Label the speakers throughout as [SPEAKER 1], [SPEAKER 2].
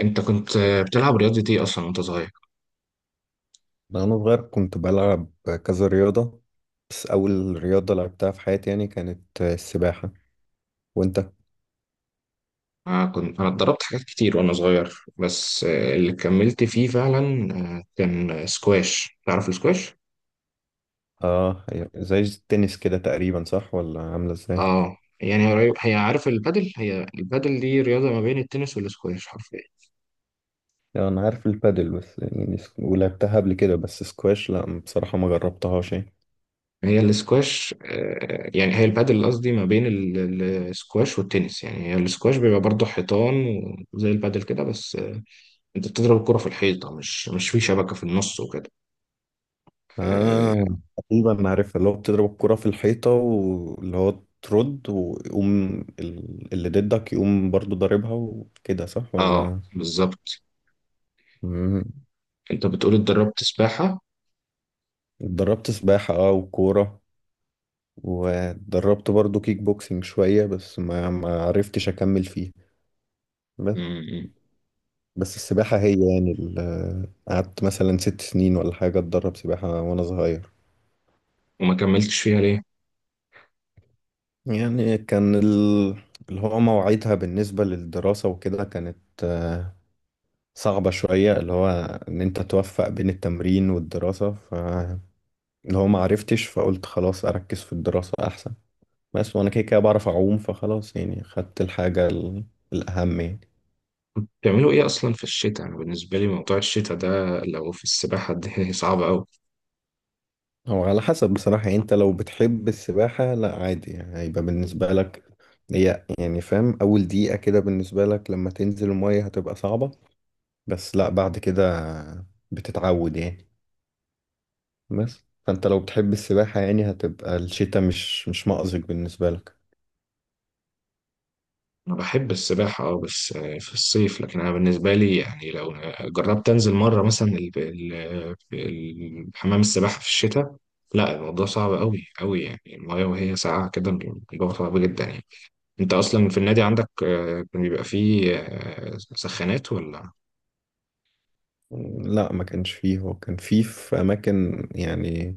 [SPEAKER 1] انت كنت بتلعب رياضة ايه اصلا وانت صغير؟
[SPEAKER 2] وأنا صغير كنت بلعب كذا رياضة. بس أول رياضة لعبتها في حياتي يعني كانت السباحة. وأنت؟
[SPEAKER 1] انا اتدربت حاجات كتير وانا صغير، بس اللي كملت فيه فعلا كان سكواش. تعرف السكواش؟
[SPEAKER 2] آه، هي زي التنس كده تقريبا، صح ولا عاملة إزاي؟
[SPEAKER 1] اه، يعني قريب. هي البادل دي رياضة ما بين التنس والسكواش حرفيا.
[SPEAKER 2] يعني أنا عارف البادل، بس يعني ولعبتها قبل كده. بس سكواش لأ، بصراحة ما جربتهاش يعني.
[SPEAKER 1] هي السكواش يعني هي البادل قصدي، ما بين السكواش والتنس. يعني هي السكواش بيبقى برضه حيطان وزي البادل كده، بس انت بتضرب الكرة في الحيطة، مش في شبكة في النص وكده. اه،
[SPEAKER 2] آه، تقريبا عارفها، اللي هو بتضرب الكرة في الحيطة، واللي هو ترد ويقوم، اللي ضدك يقوم برضو ضاربها وكده، صح ولا؟
[SPEAKER 1] بالظبط.
[SPEAKER 2] مم.
[SPEAKER 1] انت بتقول اتدربت سباحة.
[SPEAKER 2] اتدربت سباحة، اه، وكورة. ودربت برضو كيك بوكسنج شوية بس ما عرفتش أكمل فيه. بس.
[SPEAKER 1] مم.
[SPEAKER 2] بس السباحة هي يعني قعدت مثلا 6 سنين ولا حاجة أتدرب سباحة وأنا صغير.
[SPEAKER 1] وما كملتش فيها ليه؟
[SPEAKER 2] يعني كان اللي هو مواعيدها بالنسبة للدراسة وكده كانت آه، صعبة شوية، اللي هو إن أنت توفق بين التمرين والدراسة، فاللي هو ما عرفتش، فقلت خلاص أركز في الدراسة أحسن. بس وأنا كده كده بعرف أعوم، فخلاص يعني خدت الحاجة الأهم يعني.
[SPEAKER 1] بتعملوا ايه اصلا في الشتاء؟ انا بالنسبة لي موضوع الشتاء ده لو في السباحة دي صعب اوي.
[SPEAKER 2] هو على حسب بصراحة، يعني انت لو بتحب السباحة لا عادي، يعني هيبقى بالنسبة لك. هي يعني، فاهم، أول دقيقة كده بالنسبة لك لما تنزل المية هتبقى صعبة، بس لا بعد كده بتتعود يعني. بس فانت لو بتحب السباحة يعني هتبقى الشتاء مش مأزق بالنسبة لك.
[SPEAKER 1] انا بحب السباحة اه، بس في الصيف. لكن انا بالنسبة لي، يعني، لو جربت انزل مرة مثلا حمام السباحة في الشتاء، لا، الموضوع صعب اوي اوي. يعني المايه وهي ساقعة كده، الموضوع صعب جدا يعني. انت اصلا في النادي عندك كان بيبقى فيه سخانات ولا؟
[SPEAKER 2] لا ما كانش فيه. هو كان فيه في أماكن يعني،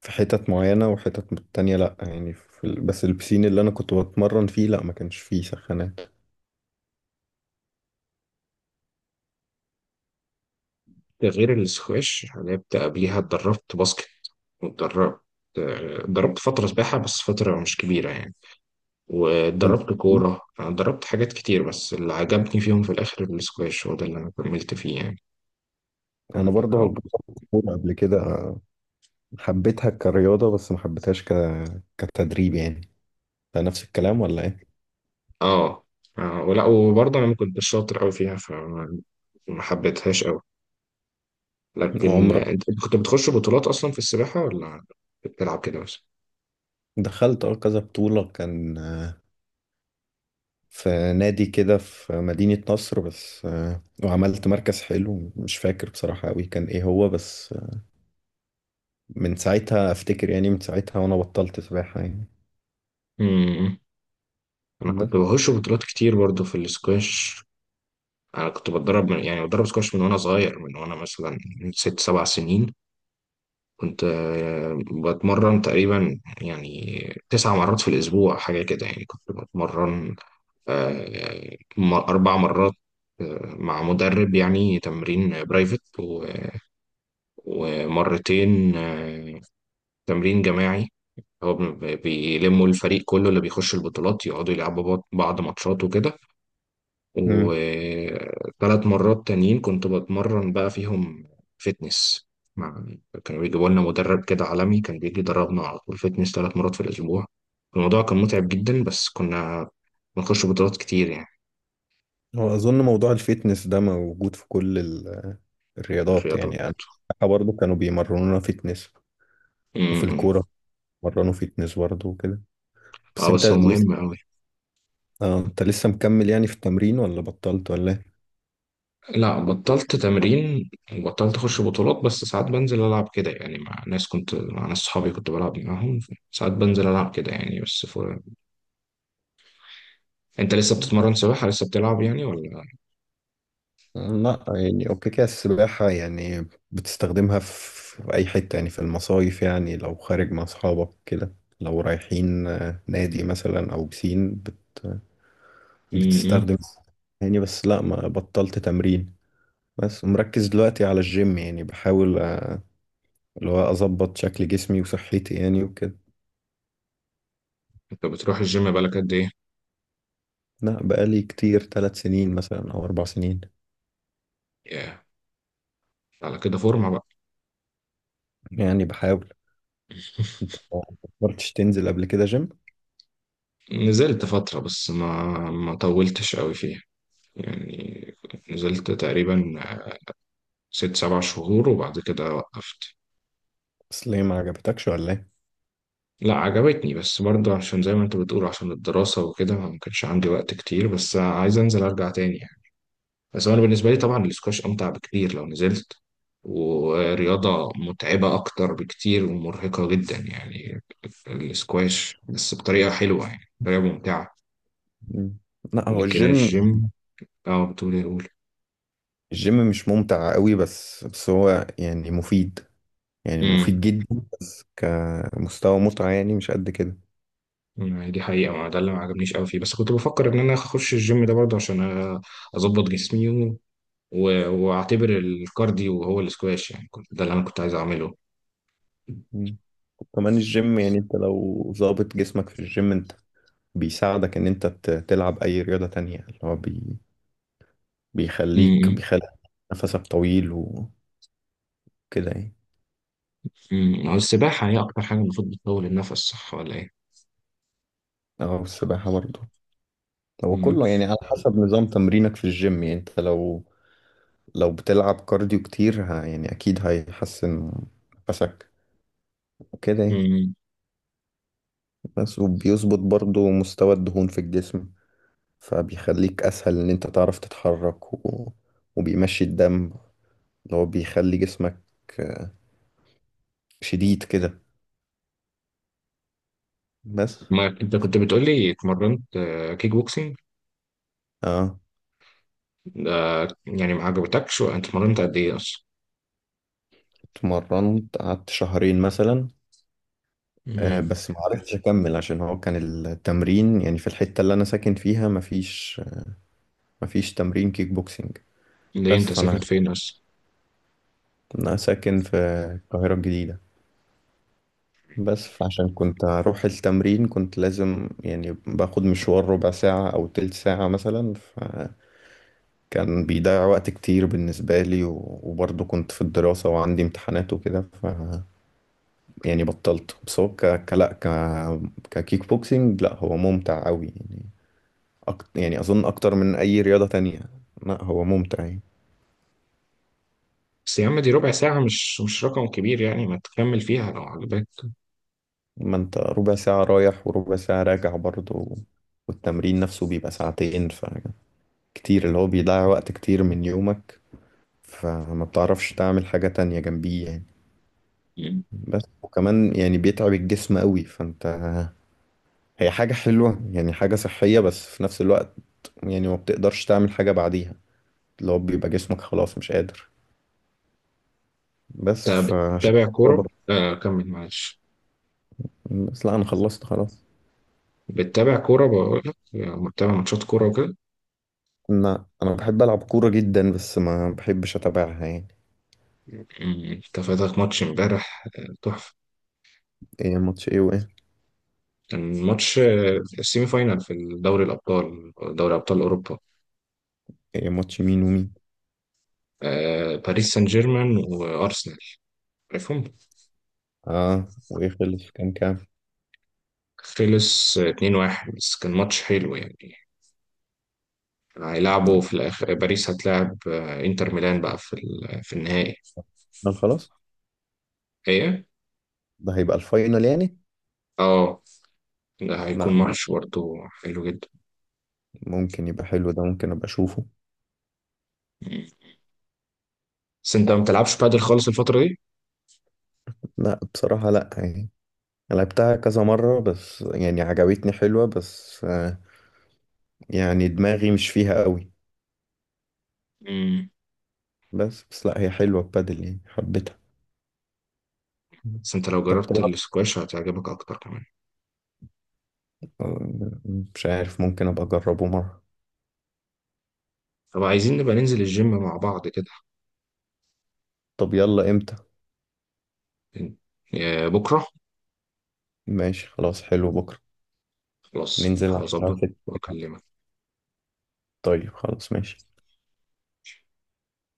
[SPEAKER 2] في حتت معينة وحتت تانية. لا يعني في بس البسين اللي أنا كنت بتمرن فيه لا ما كانش فيه سخانات.
[SPEAKER 1] ده غير السكواش. انا كنت قبليها اتدربت باسكت واتدربت. اتدربت فترة سباحة، بس فترة مش كبيرة يعني. واتدربت كورة. أنا اتدربت حاجات كتير، بس اللي عجبني فيهم في الآخر السكواش، هو ده اللي أنا كملت فيه يعني.
[SPEAKER 2] انا برضه جربت الكوره قبل كده. حبيتها كرياضه بس ما حبيتهاش كتدريب يعني. ده نفس الكلام ولا ايه؟
[SPEAKER 1] اه، ولا وبرضه أنا ما كنتش شاطر أوي فيها، فما ما حبيتهاش أوي. لكن
[SPEAKER 2] عمرك
[SPEAKER 1] أنت كنت بتخش بطولات أصلا في السباحة، ولا بتلعب كده بس؟
[SPEAKER 2] دخلت، كذا بطوله كان، في نادي كده في مدينه نصر، بس وعملت مركز حلو، مش فاكر بصراحه قوي كان ايه هو، بس من ساعتها افتكر، يعني من ساعتها وانا بطلت سباحه يعني.
[SPEAKER 1] امم. انا كنت
[SPEAKER 2] بس.
[SPEAKER 1] بخش بطولات كتير برضه في السكواش. انا كنت بتدرب من، يعني، بتدرب سكواش من وانا صغير، من وانا مثلا من 6 7 سنين. كنت بتمرن تقريبا يعني 9 مرات في الاسبوع، حاجه كده. يعني كنت بتمرن 4 مرات مع مدرب، يعني تمرين برايفت، و- ومرتين تمرين جماعي. هو بيلموا الفريق كله اللي بيخش البطولات، يقعدوا يلعبوا بعض ماتشات وكده.
[SPEAKER 2] مم.
[SPEAKER 1] وثلاث مرات تانيين كنت بتمرن بقى فيهم فتنس. مع كانوا بيجيبوا لنا مدرب كده عالمي كان بيجي يدربنا على طول فتنس 3 مرات في الأسبوع. الموضوع كان متعب جدا، بس كنا بنخش بطولات كتير يعني.
[SPEAKER 2] هو اظن موضوع الفيتنس ده موجود في كل
[SPEAKER 1] في
[SPEAKER 2] الرياضات
[SPEAKER 1] الرياضات.
[SPEAKER 2] يعني. انا برضه كانوا بيمرنونا فيتنس، وفي
[SPEAKER 1] م-م.
[SPEAKER 2] الكوره مرنوا فيتنس برضه وكده. بس
[SPEAKER 1] اه،
[SPEAKER 2] انت
[SPEAKER 1] بس هو
[SPEAKER 2] لسه
[SPEAKER 1] مهم أوي.
[SPEAKER 2] اه انت لسه مكمل يعني في التمرين ولا بطلت ولا ايه؟
[SPEAKER 1] لا، بطلت تمرين وبطلت أخش بطولات. بس ساعات بنزل ألعب كده يعني، مع ناس صحابي كنت بلعب معاهم. ساعات بنزل ألعب كده يعني. أنت لسه بتتمرن سباحة، لسه بتلعب يعني ولا؟
[SPEAKER 2] لا يعني، اوكي كده، السباحة يعني بتستخدمها في أي حتة، يعني في المصايف، يعني لو خارج مع أصحابك كده، لو رايحين نادي مثلا أو بسين
[SPEAKER 1] امم،
[SPEAKER 2] بتستخدم يعني. بس لا ما بطلت تمرين. بس مركز دلوقتي على الجيم، يعني بحاول اللي هو أظبط شكل جسمي وصحتي يعني وكده.
[SPEAKER 1] انت بتروح الجيم بقالك قد ايه؟
[SPEAKER 2] لا بقالي كتير، 3 سنين مثلا أو 4 سنين.
[SPEAKER 1] ياه، على كده فورمة بقى.
[SPEAKER 2] يعني بحاول. انت ما فكرتش تنزل قبل كده جيم؟
[SPEAKER 1] نزلت فترة، بس ما طولتش قوي فيها يعني. نزلت تقريبا 6 7 شهور، وبعد كده وقفت.
[SPEAKER 2] بس ليه، ما عجبتكش ولا ايه؟
[SPEAKER 1] لا، عجبتني، بس برضه عشان زي ما انت بتقول، عشان الدراسة وكده، ما كانش عندي وقت كتير. بس عايز انزل ارجع تاني. بس هو انا بالنسبه لي طبعا الاسكواش امتع بكتير لو نزلت. ورياضه متعبه اكتر بكتير ومرهقه جدا، يعني الاسكواش بس بطريقه حلوه، يعني بطريقه ممتعه.
[SPEAKER 2] مم. لا هو
[SPEAKER 1] لكن
[SPEAKER 2] الجيم
[SPEAKER 1] الجيم. اه، بتقول ايه، قول.
[SPEAKER 2] الجيم مش ممتع قوي، بس هو يعني مفيد، يعني
[SPEAKER 1] امم.
[SPEAKER 2] مفيد جدا. بس كمستوى متعة يعني مش قد كده.
[SPEAKER 1] يعني دي حقيقه، ما ده اللي ما عجبنيش قوي فيه، بس كنت بفكر ان انا اخش الجيم ده برضه عشان أ- اظبط جسمي، واعتبر الكارديو هو الاسكواش. يعني كنت ده اللي انا كنت عايز اعمله.
[SPEAKER 2] مم. وكمان الجيم، يعني انت لو ظابط جسمك في الجيم انت بيساعدك ان انت تلعب اي رياضة تانية، اللي هو بيخليك
[SPEAKER 1] امم.
[SPEAKER 2] بيخلي نفسك طويل وكده يعني.
[SPEAKER 1] أمم. هو السباحه هي اكتر حاجه المفروض بتطول النفس، صح ولا ايه؟
[SPEAKER 2] اه، السباحة برضه. هو
[SPEAKER 1] امم.
[SPEAKER 2] كله يعني على حسب نظام تمرينك في الجيم، يعني انت لو بتلعب كارديو كتير، يعني اكيد هيحسن نفسك وكده يعني.
[SPEAKER 1] أمم.
[SPEAKER 2] بس وبيظبط برضو مستوى الدهون في الجسم، فبيخليك اسهل ان انت تعرف تتحرك وبيمشي الدم اللي هو بيخلي جسمك شديد كده. بس.
[SPEAKER 1] ما انت كنت بتقول لي اتمرنت كيك بوكسينج
[SPEAKER 2] اه،
[SPEAKER 1] ده. يعني ما عجبتكش، وانت اتمرنت قد ايه اصلا؟
[SPEAKER 2] اتمرنت قعدت شهرين مثلا.
[SPEAKER 1] امم.
[SPEAKER 2] بس ما عرفتش اكمل عشان هو كان التمرين يعني في الحتة اللي انا ساكن فيها مفيش تمرين كيك بوكسينج.
[SPEAKER 1] ليه
[SPEAKER 2] بس
[SPEAKER 1] انت ساكن فين اصلا؟
[SPEAKER 2] أنا ساكن في القاهرة الجديدة. بس فعشان كنت أروح التمرين كنت لازم يعني باخد مشوار ربع ساعة أو تلت ساعة مثلا، فكان بيضيع وقت كتير بالنسبة لي، وبرضه كنت في الدراسة وعندي امتحانات وكده، ف. يعني بطلت. بس هو لا ككيك بوكسينج، لا هو ممتع أوي يعني. يعني أظن أكتر من أي رياضة تانية. لا هو ممتع يعني.
[SPEAKER 1] بس يا عم، دي ربع ساعة، مش رقم كبير يعني، ما تكمل فيها لو عجبك.
[SPEAKER 2] ما أنت ربع ساعة رايح وربع ساعة راجع برضه، والتمرين نفسه بيبقى ساعتين، ف كتير، اللي هو بيضيع وقت كتير من يومك، فما بتعرفش تعمل حاجة تانية جنبيه يعني.
[SPEAKER 1] مم.
[SPEAKER 2] بس وكمان يعني بيتعب الجسم قوي. فانت هي حاجة حلوة يعني، حاجة صحية، بس في نفس الوقت يعني ما بتقدرش تعمل حاجة بعديها، اللي هو بيبقى جسمك خلاص مش قادر. بس
[SPEAKER 1] انت
[SPEAKER 2] فعشان
[SPEAKER 1] بتتابع
[SPEAKER 2] كده
[SPEAKER 1] كورة؟
[SPEAKER 2] برضه.
[SPEAKER 1] آه، كمل معلش.
[SPEAKER 2] بس لا، انا خلصت خلاص.
[SPEAKER 1] بتتابع كورة، بقول لك، بتتابع ماتشات كورة وكده؟
[SPEAKER 2] لا انا بحب العب كورة جدا بس ما بحبش اتابعها يعني.
[SPEAKER 1] مم، انت فاتك ماتش امبارح تحفة.
[SPEAKER 2] ايه، ماتش ايه وايه؟
[SPEAKER 1] كان ماتش السيمي فاينال في دوري الأبطال، دوري أبطال أوروبا.
[SPEAKER 2] ايه، ماتش مين ومين؟
[SPEAKER 1] باريس سان جيرمان وأرسنال، عارفهم.
[SPEAKER 2] اه، وايه، خلص كام كام؟
[SPEAKER 1] خلص 2-1، بس كان ماتش حلو يعني.
[SPEAKER 2] لا،
[SPEAKER 1] هيلعبوا في الآخر، باريس هتلاعب انتر ميلان بقى في في النهائي.
[SPEAKER 2] لا، خلاص.
[SPEAKER 1] ايه.
[SPEAKER 2] ده هيبقى الفاينل يعني؟
[SPEAKER 1] اه، ده هيكون
[SPEAKER 2] لا ده،
[SPEAKER 1] ماتش برضه حلو جدا.
[SPEAKER 2] ممكن يبقى حلو. ده ممكن ابقى اشوفه.
[SPEAKER 1] مم. بس انت ما بتلعبش بادل خالص الفترة دي؟
[SPEAKER 2] لا بصراحة لا يعني. لعبتها كذا مرة بس، يعني عجبتني، حلوة، بس يعني دماغي مش فيها قوي.
[SPEAKER 1] مم.
[SPEAKER 2] بس لا هي حلوة، ببادل يعني حبيتها.
[SPEAKER 1] بس انت لو
[SPEAKER 2] طب
[SPEAKER 1] جربت
[SPEAKER 2] طبعا.
[SPEAKER 1] السكواش هتعجبك اكتر كمان.
[SPEAKER 2] آه، مش عارف، ممكن ابقى اجربه مرة.
[SPEAKER 1] طب، عايزين نبقى ننزل الجيم مع بعض كده.
[SPEAKER 2] طب يلا امتى؟
[SPEAKER 1] إن- بكرة.
[SPEAKER 2] ماشي خلاص، حلو بكرة.
[SPEAKER 1] خلاص،
[SPEAKER 2] ننزل على الساعة
[SPEAKER 1] هظبط
[SPEAKER 2] ستة.
[SPEAKER 1] واكلمك.
[SPEAKER 2] طيب خلاص ماشي.